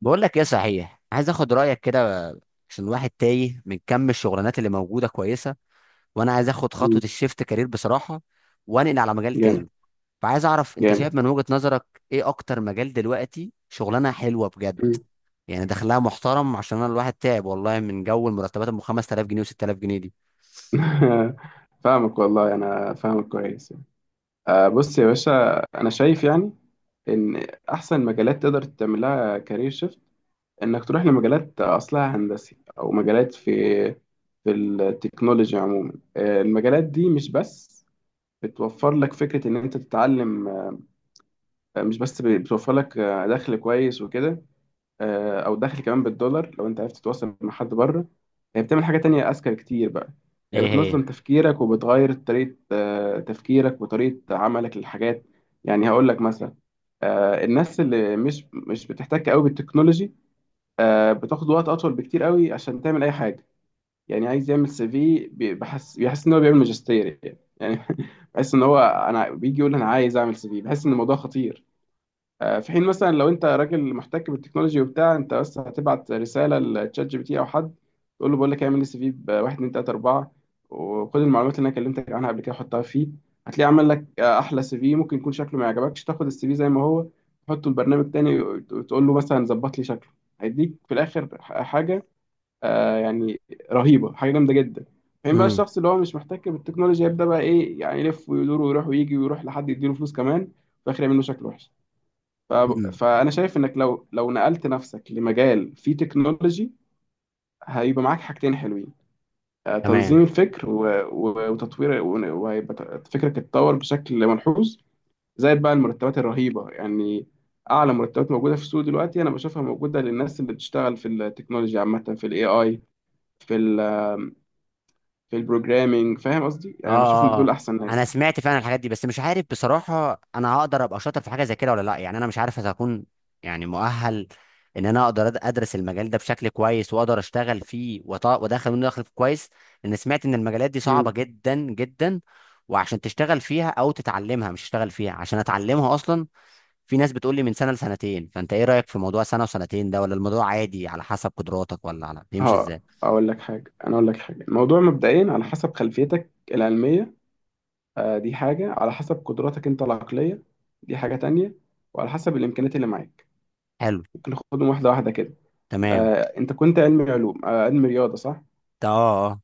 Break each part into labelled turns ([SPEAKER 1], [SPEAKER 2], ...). [SPEAKER 1] بقول لك ايه، صحيح عايز اخد رايك كده عشان الواحد تايه من كم الشغلانات اللي موجوده كويسه. وانا عايز اخد
[SPEAKER 2] مم.
[SPEAKER 1] خطوه الشيفت كارير بصراحه وانقل على مجال
[SPEAKER 2] جامد.
[SPEAKER 1] تاني. فعايز اعرف انت شايف
[SPEAKER 2] جامد.
[SPEAKER 1] من وجهه نظرك ايه اكتر مجال دلوقتي شغلانه حلوه بجد،
[SPEAKER 2] مم.
[SPEAKER 1] يعني دخلها محترم، عشان انا الواحد تعب والله من جو المرتبات 5000 جنيه و6000 جنيه دي.
[SPEAKER 2] فاهمك والله انا فاهمك كويس يعني. بص يا باشا، انا شايف يعني ان احسن مجالات تقدر تعمل لها كارير شيفت انك تروح لمجالات اصلها هندسي او مجالات في التكنولوجي عموما. المجالات دي مش بس بتوفر لك فكرة ان انت تتعلم، مش بس بتوفر لك دخل كويس وكده، او دخل كمان بالدولار لو انت عرفت تتواصل مع حد بره. هي بتعمل حاجه تانية اذكى كتير بقى، هي
[SPEAKER 1] ايه هي؟
[SPEAKER 2] بتنظم تفكيرك وبتغير طريقه تفكيرك وطريقه عملك للحاجات. يعني هقول لك مثلا، الناس اللي مش بتحتك قوي بالتكنولوجي بتاخد وقت اطول بكتير قوي عشان تعمل اي حاجه. يعني عايز يعمل سي في بيحس ان هو بيعمل ماجستير يعني، بحس ان انا بيجي يقول انا عايز اعمل سي في، بحس ان الموضوع خطير. في حين مثلا لو انت راجل محتك بالتكنولوجي وبتاع، انت بس هتبعت رساله لتشات جي بي تي او حد تقول له بقول لك اعمل لي سي في ب 1 2 3 4، وخد المعلومات اللي انا كلمتك عنها قبل كده حطها فيه. هتلاقيه عمل لك احلى سي في. ممكن يكون شكله ما يعجبكش، تاخد السي في زي ما هو تحطه البرنامج تاني وتقول له مثلا ظبط لي شكله. هيديك في الاخر حاجه يعني رهيبه، حاجه جامده جدا. فين بقى
[SPEAKER 1] امم
[SPEAKER 2] الشخص اللي هو مش محتك بالتكنولوجيا؟ يبدا بقى ايه يعني؟ يلف ويدور ويروح ويجي ويروح لحد يديله فلوس كمان في الاخر يعمل له شكل وحش. ف-
[SPEAKER 1] امم.
[SPEAKER 2] فانا شايف انك لو نقلت نفسك لمجال فيه تكنولوجي، هيبقى معاك حاجتين حلوين،
[SPEAKER 1] تمام.
[SPEAKER 2] تنظيم الفكر وتطوير، وهيبقى فكرك اتطور بشكل ملحوظ، زائد بقى المرتبات الرهيبة يعني. اعلى مرتبات موجودة في السوق دلوقتي انا بشوفها موجودة للناس اللي بتشتغل في التكنولوجيا عامة، في الاي اي، في ال في البروجرامينج. فاهم قصدي؟
[SPEAKER 1] اه
[SPEAKER 2] يعني بشوف ان
[SPEAKER 1] اه
[SPEAKER 2] دول
[SPEAKER 1] اه.
[SPEAKER 2] احسن
[SPEAKER 1] انا
[SPEAKER 2] ناس.
[SPEAKER 1] سمعت فعلا الحاجات دي، بس مش عارف بصراحه انا هقدر ابقى شاطر في حاجه زي كده ولا لا. يعني انا مش عارف اذا هكون يعني مؤهل ان انا اقدر ادرس المجال ده بشكل كويس واقدر اشتغل فيه وادخل منه دخل كويس. لان سمعت ان المجالات دي صعبه
[SPEAKER 2] امم
[SPEAKER 1] جدا جدا، وعشان تشتغل فيها او تتعلمها، مش تشتغل فيها عشان اتعلمها اصلا. في ناس بتقول لي من سنه لسنتين، فانت ايه رايك في موضوع سنه وسنتين ده؟ ولا الموضوع عادي على حسب قدراتك، ولا على بيمشي
[SPEAKER 2] اه،
[SPEAKER 1] ازاي؟
[SPEAKER 2] اقول لك حاجة انا اقول لك حاجة، الموضوع مبدئيا على حسب خلفيتك العلمية، دي حاجة. على حسب قدراتك أنت العقلية، دي حاجة تانية. وعلى حسب الإمكانيات اللي معاك.
[SPEAKER 1] حلو.
[SPEAKER 2] ممكن ناخدهم واحدة واحدة كده.
[SPEAKER 1] تمام.
[SPEAKER 2] أنت كنت علمي علوم، علمي رياضة، صح؟
[SPEAKER 1] اه اه.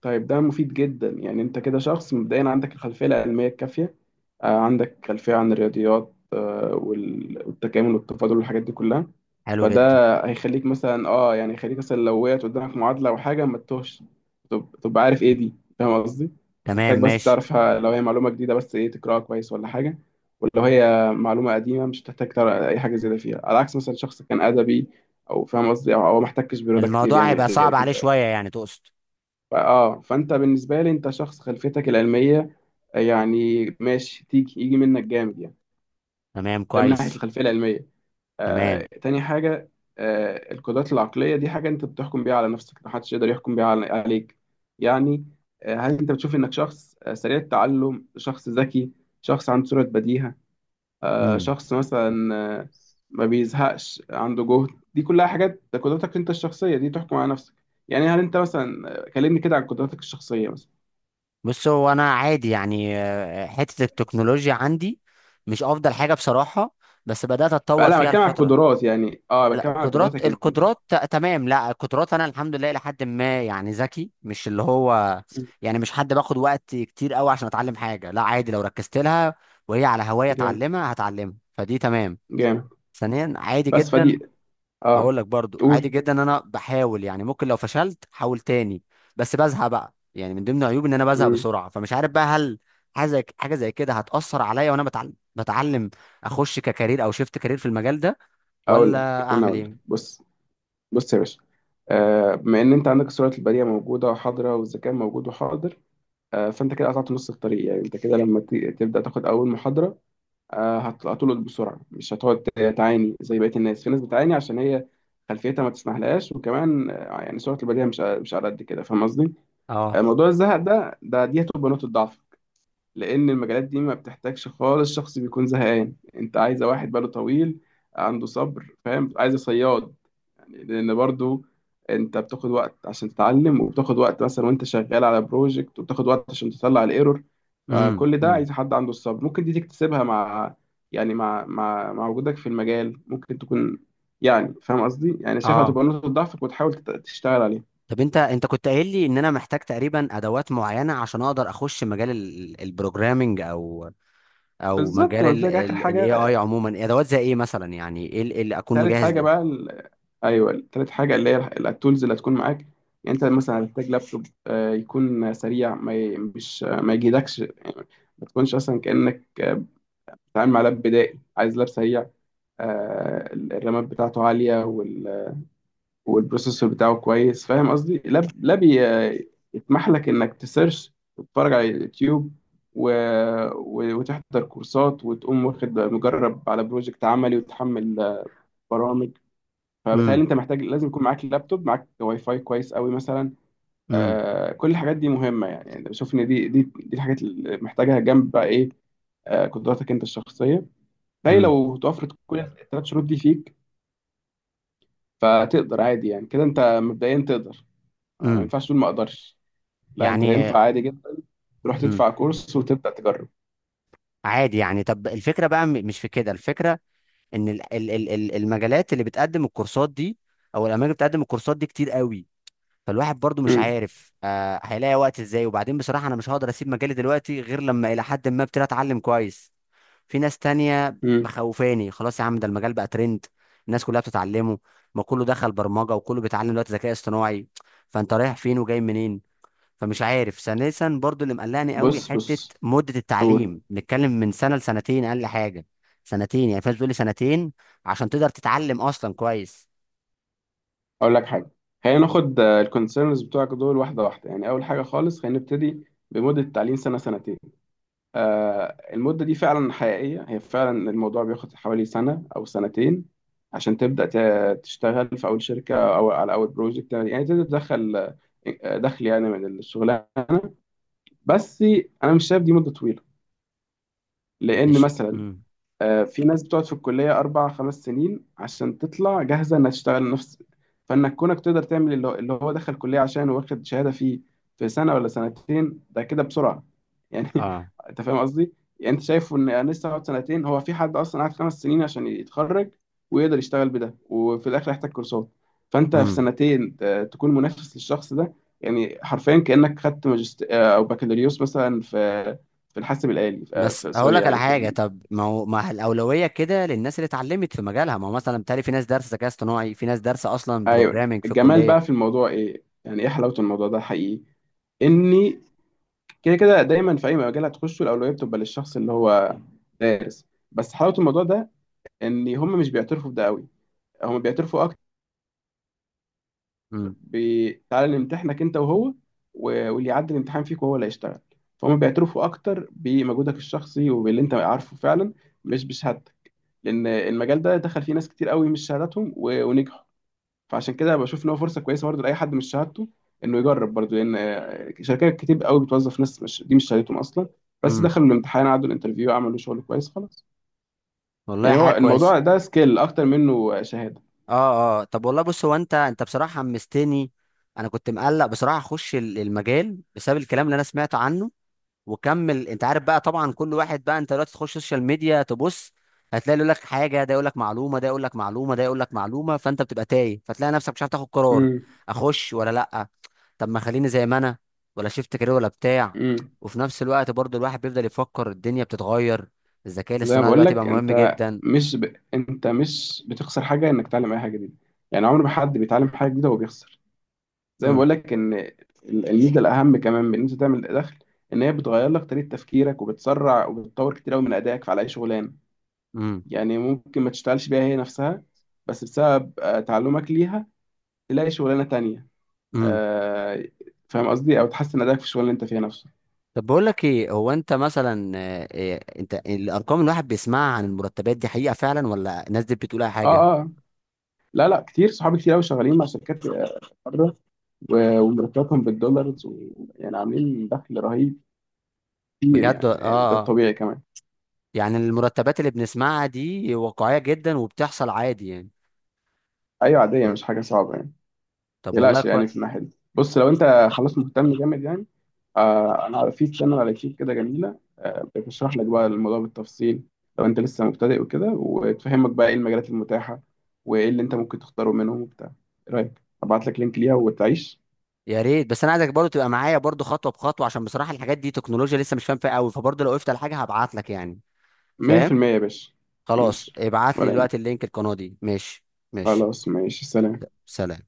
[SPEAKER 2] طيب ده مفيد جدا يعني، انت كده شخص مبدئيا عندك الخلفيه العلميه الكافيه، عندك خلفيه عن الرياضيات، والتكامل والتفاضل والحاجات دي كلها.
[SPEAKER 1] حلو
[SPEAKER 2] فده،
[SPEAKER 1] جدا.
[SPEAKER 2] هيخليك مثلا اه يعني هيخليك مثلا لو وقعت قدامك معادله او حاجه ما تتوهش، تبقى عارف ايه دي. فاهم قصدي؟
[SPEAKER 1] تمام،
[SPEAKER 2] هتحتاج بس
[SPEAKER 1] ماشي.
[SPEAKER 2] تعرفها لو هي معلومه جديده، بس ايه، تقراها كويس ولا حاجه. ولو هي معلومه قديمه مش هتحتاج تقرا اي حاجه زياده فيها، على عكس مثلا شخص كان ادبي، او فاهم قصدي، او ما احتكش برياضه كتير
[SPEAKER 1] الموضوع
[SPEAKER 2] يعني
[SPEAKER 1] هيبقى صعب
[SPEAKER 2] غيرك
[SPEAKER 1] عليه
[SPEAKER 2] انت.
[SPEAKER 1] شوية يعني، تقصد؟
[SPEAKER 2] فانت بالنسبه لي انت شخص خلفيتك العلميه، يعني ماشي، يجي منك جامد يعني.
[SPEAKER 1] تمام
[SPEAKER 2] ده من ناحيه
[SPEAKER 1] كويس.
[SPEAKER 2] الخلفيه العلميه.
[SPEAKER 1] تمام.
[SPEAKER 2] تاني حاجه، القدرات العقليه، دي حاجه انت بتحكم بيها على نفسك، محدش يقدر يحكم بيها عليك يعني. هل انت بتشوف انك شخص سريع التعلم، شخص ذكي، شخص عنده سرعه بديهه،
[SPEAKER 1] امم.
[SPEAKER 2] شخص مثلا، آه ما بيزهقش، عنده جهد، دي كلها حاجات، ده قدراتك انت الشخصيه دي تحكم على نفسك. يعني هل انت مثلا، كلمني كده عن قدراتك الشخصيه مثلا.
[SPEAKER 1] بص هو انا عادي يعني، حتة التكنولوجيا عندي مش افضل حاجة بصراحة، بس بدأت اتطور
[SPEAKER 2] فلا
[SPEAKER 1] فيها
[SPEAKER 2] بتكلم على
[SPEAKER 1] الفترة.
[SPEAKER 2] القدرات، يعني اه،
[SPEAKER 1] لا
[SPEAKER 2] بتكلم على
[SPEAKER 1] القدرات،
[SPEAKER 2] قدراتك انت.
[SPEAKER 1] القدرات تمام. لا القدرات انا الحمد لله لحد ما يعني ذكي، مش اللي هو
[SPEAKER 2] مم.
[SPEAKER 1] يعني مش حد باخد وقت كتير قوي عشان اتعلم حاجة. لا عادي، لو ركزت لها وهي على هواية
[SPEAKER 2] جامد.
[SPEAKER 1] اتعلمها هتعلمها، فدي تمام.
[SPEAKER 2] جامد.
[SPEAKER 1] ثانيا عادي
[SPEAKER 2] بس
[SPEAKER 1] جدا،
[SPEAKER 2] فدي. اه.
[SPEAKER 1] هقول لك برضو عادي
[SPEAKER 2] قول.
[SPEAKER 1] جدا ان انا بحاول، يعني ممكن لو فشلت حاول تاني. بس بزهق بقى، يعني من ضمن عيوبي ان انا بزهق
[SPEAKER 2] مم.
[SPEAKER 1] بسرعه، فمش عارف بقى هل حاجه زي كده هتاثر عليا وانا بتعلم اخش ككارير او شيفت كارير في المجال ده ولا اعمل
[SPEAKER 2] اقول لك،
[SPEAKER 1] ايه؟
[SPEAKER 2] بص، بص يا باشا. بما ان انت عندك السرعه البريه موجوده وحاضره والذكاء موجود وحاضر، فانت كده قطعت نص الطريق. يعني انت كده لما تبدا تاخد اول محاضره هتلقط بسرعه، مش هتقعد تعاني زي بقيه الناس. في ناس بتعاني عشان هي خلفيتها ما تسمحلهاش، وكمان يعني سرعه البديهه مش على قد كده. فاهم قصدي؟
[SPEAKER 1] اه.
[SPEAKER 2] موضوع الزهق ده، دي هتبقى نقطه ضعف، لان المجالات دي ما بتحتاجش خالص شخص بيكون زهقان، انت عايزه واحد باله طويل، عنده صبر، فاهم، عايزه صياد يعني. لان برضو انت بتاخد وقت عشان تتعلم، وبتاخد وقت مثلا وانت شغال على بروجكت، وبتاخد وقت عشان تطلع الايرور.
[SPEAKER 1] امم.
[SPEAKER 2] فكل ده
[SPEAKER 1] امم.
[SPEAKER 2] عايز حد عنده الصبر. ممكن دي تكتسبها مع، يعني مع وجودك في المجال، ممكن تكون يعني، فاهم قصدي؟ يعني شايفها
[SPEAKER 1] اه.
[SPEAKER 2] تبقى نقطة ضعفك وتحاول تشتغل عليها.
[SPEAKER 1] طب انت كنت قايل لي ان انا محتاج تقريبا ادوات معينه عشان اقدر اخش مجال البروجرامنج او
[SPEAKER 2] بالظبط، انا قلت
[SPEAKER 1] مجال
[SPEAKER 2] لك اخر
[SPEAKER 1] الاي
[SPEAKER 2] حاجة.
[SPEAKER 1] اي عموما، ادوات زي ايه مثلا؟ يعني ايه إيه اللي اكون
[SPEAKER 2] تالت
[SPEAKER 1] مجهز
[SPEAKER 2] حاجة
[SPEAKER 1] ليه؟
[SPEAKER 2] بقى، أيوه، تالت حاجة اللي هي التولز اللي هتكون معاك. يعني أنت مثلا هتحتاج لابتوب، يكون سريع، ما ي... مش ما يجيدكش يعني، ما تكونش أصلا كأنك بتتعامل مع لاب بدائي، عايز لاب سريع، الرامات بتاعته عالية، والبروسيسور بتاعه كويس. فاهم قصدي؟ لاب، يسمح لك إنك تسيرش وتتفرج على اليوتيوب، و... وتحضر كورسات وتقوم واخد مجرب على بروجكت عملي، وتحمل برامج. فبالتالي
[SPEAKER 1] امم.
[SPEAKER 2] انت محتاج لازم يكون معاك لابتوب، معاك واي فاي كويس قوي مثلا.
[SPEAKER 1] امم.
[SPEAKER 2] كل الحاجات دي مهمه، يعني انا بشوف ان دي الحاجات اللي محتاجها، جنب بقى ايه، قدراتك انت الشخصيه. بالتالي لو توفرت كل الثلاث شروط دي فيك، فتقدر عادي يعني، كده انت مبدئيا تقدر. ما
[SPEAKER 1] امم.
[SPEAKER 2] ينفعش تقول ما اقدرش، لا، انت
[SPEAKER 1] يعني.
[SPEAKER 2] ينفع عادي جدا تروح
[SPEAKER 1] امم.
[SPEAKER 2] تدفع كورس وتبدا تجرب.
[SPEAKER 1] عادي يعني. طب الفكره بقى مش في كده الفكره، ان المجالات اللي بتقدم الكورسات دي او الاماكن اللي بتقدم الكورسات دي كتير قوي. فالواحد برضو مش
[SPEAKER 2] امم،
[SPEAKER 1] عارف هيلاقي وقت ازاي. وبعدين بصراحه انا مش هقدر اسيب مجالي دلوقتي غير لما الى حد ما ابتدي اتعلم كويس. في ناس تانية
[SPEAKER 2] امم.
[SPEAKER 1] مخوفاني خلاص يا عم، ده المجال بقى ترند، الناس كلها بتتعلمه، ما كله دخل برمجه وكله بيتعلم دلوقتي ذكاء اصطناعي، فانت رايح فين وجاي منين؟ فمش عارف. ثالثا برضو اللي مقلقني قوي
[SPEAKER 2] بص،
[SPEAKER 1] حته
[SPEAKER 2] بص،
[SPEAKER 1] مده
[SPEAKER 2] قول.
[SPEAKER 1] التعليم، نتكلم من سنه لسنتين اقل حاجه. سنتين يعني، فاز بيقول لي سنتين عشان تقدر تتعلم اصلا كويس.
[SPEAKER 2] اقول لك حاجه. خلينا ناخد الكونسيرنز بتوعك دول واحده واحده. يعني اول حاجه خالص، خلينا نبتدي بمده تعليم سنه، سنتين. المدة دي فعلا حقيقية، هي فعلا الموضوع بياخد حوالي سنة أو سنتين عشان تبدأ تشتغل في أول شركة أو على أول بروجكت، يعني تقدر تدخل دخل يعني من الشغلانة بس. أنا مش شايف دي مدة طويلة، لأن
[SPEAKER 1] مش
[SPEAKER 2] مثلا
[SPEAKER 1] امم.
[SPEAKER 2] في ناس بتقعد في الكلية أربع خمس سنين عشان تطلع جاهزة إنها تشتغل نفس. فإنك كونك تقدر تعمل اللي هو اللي هو دخل كلية عشان واخد شهادة فيه في سنة ولا سنتين، ده كده بسرعة يعني.
[SPEAKER 1] اه.
[SPEAKER 2] أنت فاهم قصدي؟ يعني أنت شايف إن أنا لسه هقعد سنتين، هو في حد أصلا قعد 5 سنين عشان يتخرج ويقدر يشتغل بده، وفي الآخر يحتاج كورسات. فأنت في
[SPEAKER 1] امم.
[SPEAKER 2] سنتين تكون منافس للشخص ده، يعني حرفيا كأنك خدت ماجست، أو بكالوريوس مثلا في في الحاسب الآلي،
[SPEAKER 1] بس
[SPEAKER 2] في
[SPEAKER 1] اقول
[SPEAKER 2] سوري
[SPEAKER 1] لك على
[SPEAKER 2] يعني، في.
[SPEAKER 1] حاجه، طب ما هو ما الاولويه كده للناس اللي اتعلمت في مجالها. ما هو مثلا بالتالي في ناس دارسه ذكاء اصطناعي، في ناس دارسه اصلا
[SPEAKER 2] ايوه،
[SPEAKER 1] بروجرامنج في
[SPEAKER 2] الجمال
[SPEAKER 1] الكليه.
[SPEAKER 2] بقى في الموضوع ايه، يعني ايه حلاوه الموضوع ده حقيقي، اني كده كده دايما في اي مجال هتخشه الاولويه بتبقى للشخص اللي هو دارس. بس حلاوه الموضوع ده ان هم مش بيعترفوا بده قوي، هم بيعترفوا اكتر،
[SPEAKER 1] امم.
[SPEAKER 2] تعالى نمتحنك انت وهو، واللي يعدي الامتحان فيك وهو اللي هيشتغل. فهم بيعترفوا اكتر بمجهودك الشخصي وباللي انت عارفه فعلا، مش بشهادتك. لان المجال ده دخل فيه ناس كتير قوي مش شهادتهم ونجحوا. فعشان كده بشوف ان هو فرصه كويسه برضه لاي حد مش شهادته انه يجرب، برضه لان شركات كتير قوي بتوظف ناس مش، دي مش شهادتهم اصلا، بس
[SPEAKER 1] امم.
[SPEAKER 2] دخلوا الامتحان عدوا الانترفيو عملوا شغل كويس، خلاص.
[SPEAKER 1] والله
[SPEAKER 2] يعني
[SPEAKER 1] حاجه
[SPEAKER 2] هو
[SPEAKER 1] كويسه.
[SPEAKER 2] الموضوع ده سكيل اكتر منه شهاده.
[SPEAKER 1] اه اه. طب والله بص، هو انت بصراحه حمستني. انا كنت مقلق بصراحه اخش المجال بسبب الكلام اللي انا سمعته عنه. وكمل انت عارف بقى، طبعا كل واحد بقى، انت دلوقتي تخش سوشيال ميديا تبص هتلاقي يقول لك حاجه، ده يقول لك معلومه، ده يقول لك معلومه، ده يقول لك معلومه، فانت بتبقى تايه فتلاقي نفسك مش عارف تاخد قرار.
[SPEAKER 2] امم،
[SPEAKER 1] اخش ولا لا؟ طب ما خليني زي ما انا، ولا شفت كارير ولا بتاع.
[SPEAKER 2] امم.
[SPEAKER 1] وفي نفس الوقت برضو الواحد بيفضل يفكر الدنيا بتتغير، الذكاء
[SPEAKER 2] زي ما
[SPEAKER 1] الاصطناعي
[SPEAKER 2] بقول
[SPEAKER 1] دلوقتي بقى
[SPEAKER 2] لك،
[SPEAKER 1] مهم
[SPEAKER 2] انت
[SPEAKER 1] جدا.
[SPEAKER 2] مش بتخسر حاجه انك تتعلم اي حاجه جديده. يعني عمر ما حد بيتعلم حاجه جديده وهو بيخسر. زي ما
[SPEAKER 1] امم.
[SPEAKER 2] بقول لك ان الميزه الاهم كمان من ان انت تعمل دخل، ان هي بتغير لك طريقه تفكيرك وبتسرع وبتطور كتير قوي من ادائك في على اي شغلانه.
[SPEAKER 1] امم.
[SPEAKER 2] يعني ممكن ما تشتغلش بيها هي نفسها، بس بسبب تعلمك ليها تلاقي شغلانة تانية.
[SPEAKER 1] امم.
[SPEAKER 2] آه، فاهم قصدي؟ او تحسن ادائك في الشغل اللي انت فيها نفسه.
[SPEAKER 1] طب بقول لك ايه، هو انت مثلا إيه انت الارقام اللي الواحد بيسمعها عن المرتبات دي حقيقه فعلا، ولا الناس دي بتقول اي
[SPEAKER 2] اه،
[SPEAKER 1] حاجه؟
[SPEAKER 2] اه، آه. لا، لا، كتير، صحابي كتير قوي شغالين مع شركات بره، ومرتباتهم بالدولارز، ويعني عاملين دخل رهيب كتير
[SPEAKER 1] بجد،
[SPEAKER 2] يعني، ده
[SPEAKER 1] اه اه.
[SPEAKER 2] الطبيعي كمان.
[SPEAKER 1] يعني المرتبات اللي بنسمعها دي واقعيه جدا وبتحصل عادي يعني.
[SPEAKER 2] ايوه، عادية، مش حاجة صعبة يعني.
[SPEAKER 1] طب والله
[SPEAKER 2] تقلقش يعني في
[SPEAKER 1] كويس.
[SPEAKER 2] الناحية دي. بص، لو أنت خلاص مهتم جامد يعني، أنا في شانل على اليوتيوب كده جميلة، بتشرح لك بقى الموضوع بالتفصيل لو أنت لسه مبتدئ وكده، وتفهمك بقى إيه المجالات المتاحة وإيه اللي أنت ممكن تختاره منهم وبتاع. إيه رأيك؟ أبعت لك لينك ليها وتعيش.
[SPEAKER 1] يا ريت، بس انا عايزك برضه تبقى معايا برضه خطوه بخطوه عشان بصراحه الحاجات دي تكنولوجيا لسه مش فاهم فيها قوي، فبرضه لو وقفت على حاجه هبعت لك يعني، فاهم.
[SPEAKER 2] 100%، يا باشا.
[SPEAKER 1] خلاص
[SPEAKER 2] ماشي،
[SPEAKER 1] ابعت لي
[SPEAKER 2] ولا يهمك.
[SPEAKER 1] دلوقتي اللينك القناه دي. ماشي. ماشي.
[SPEAKER 2] خلاص، ماشي، سلام.
[SPEAKER 1] سلام.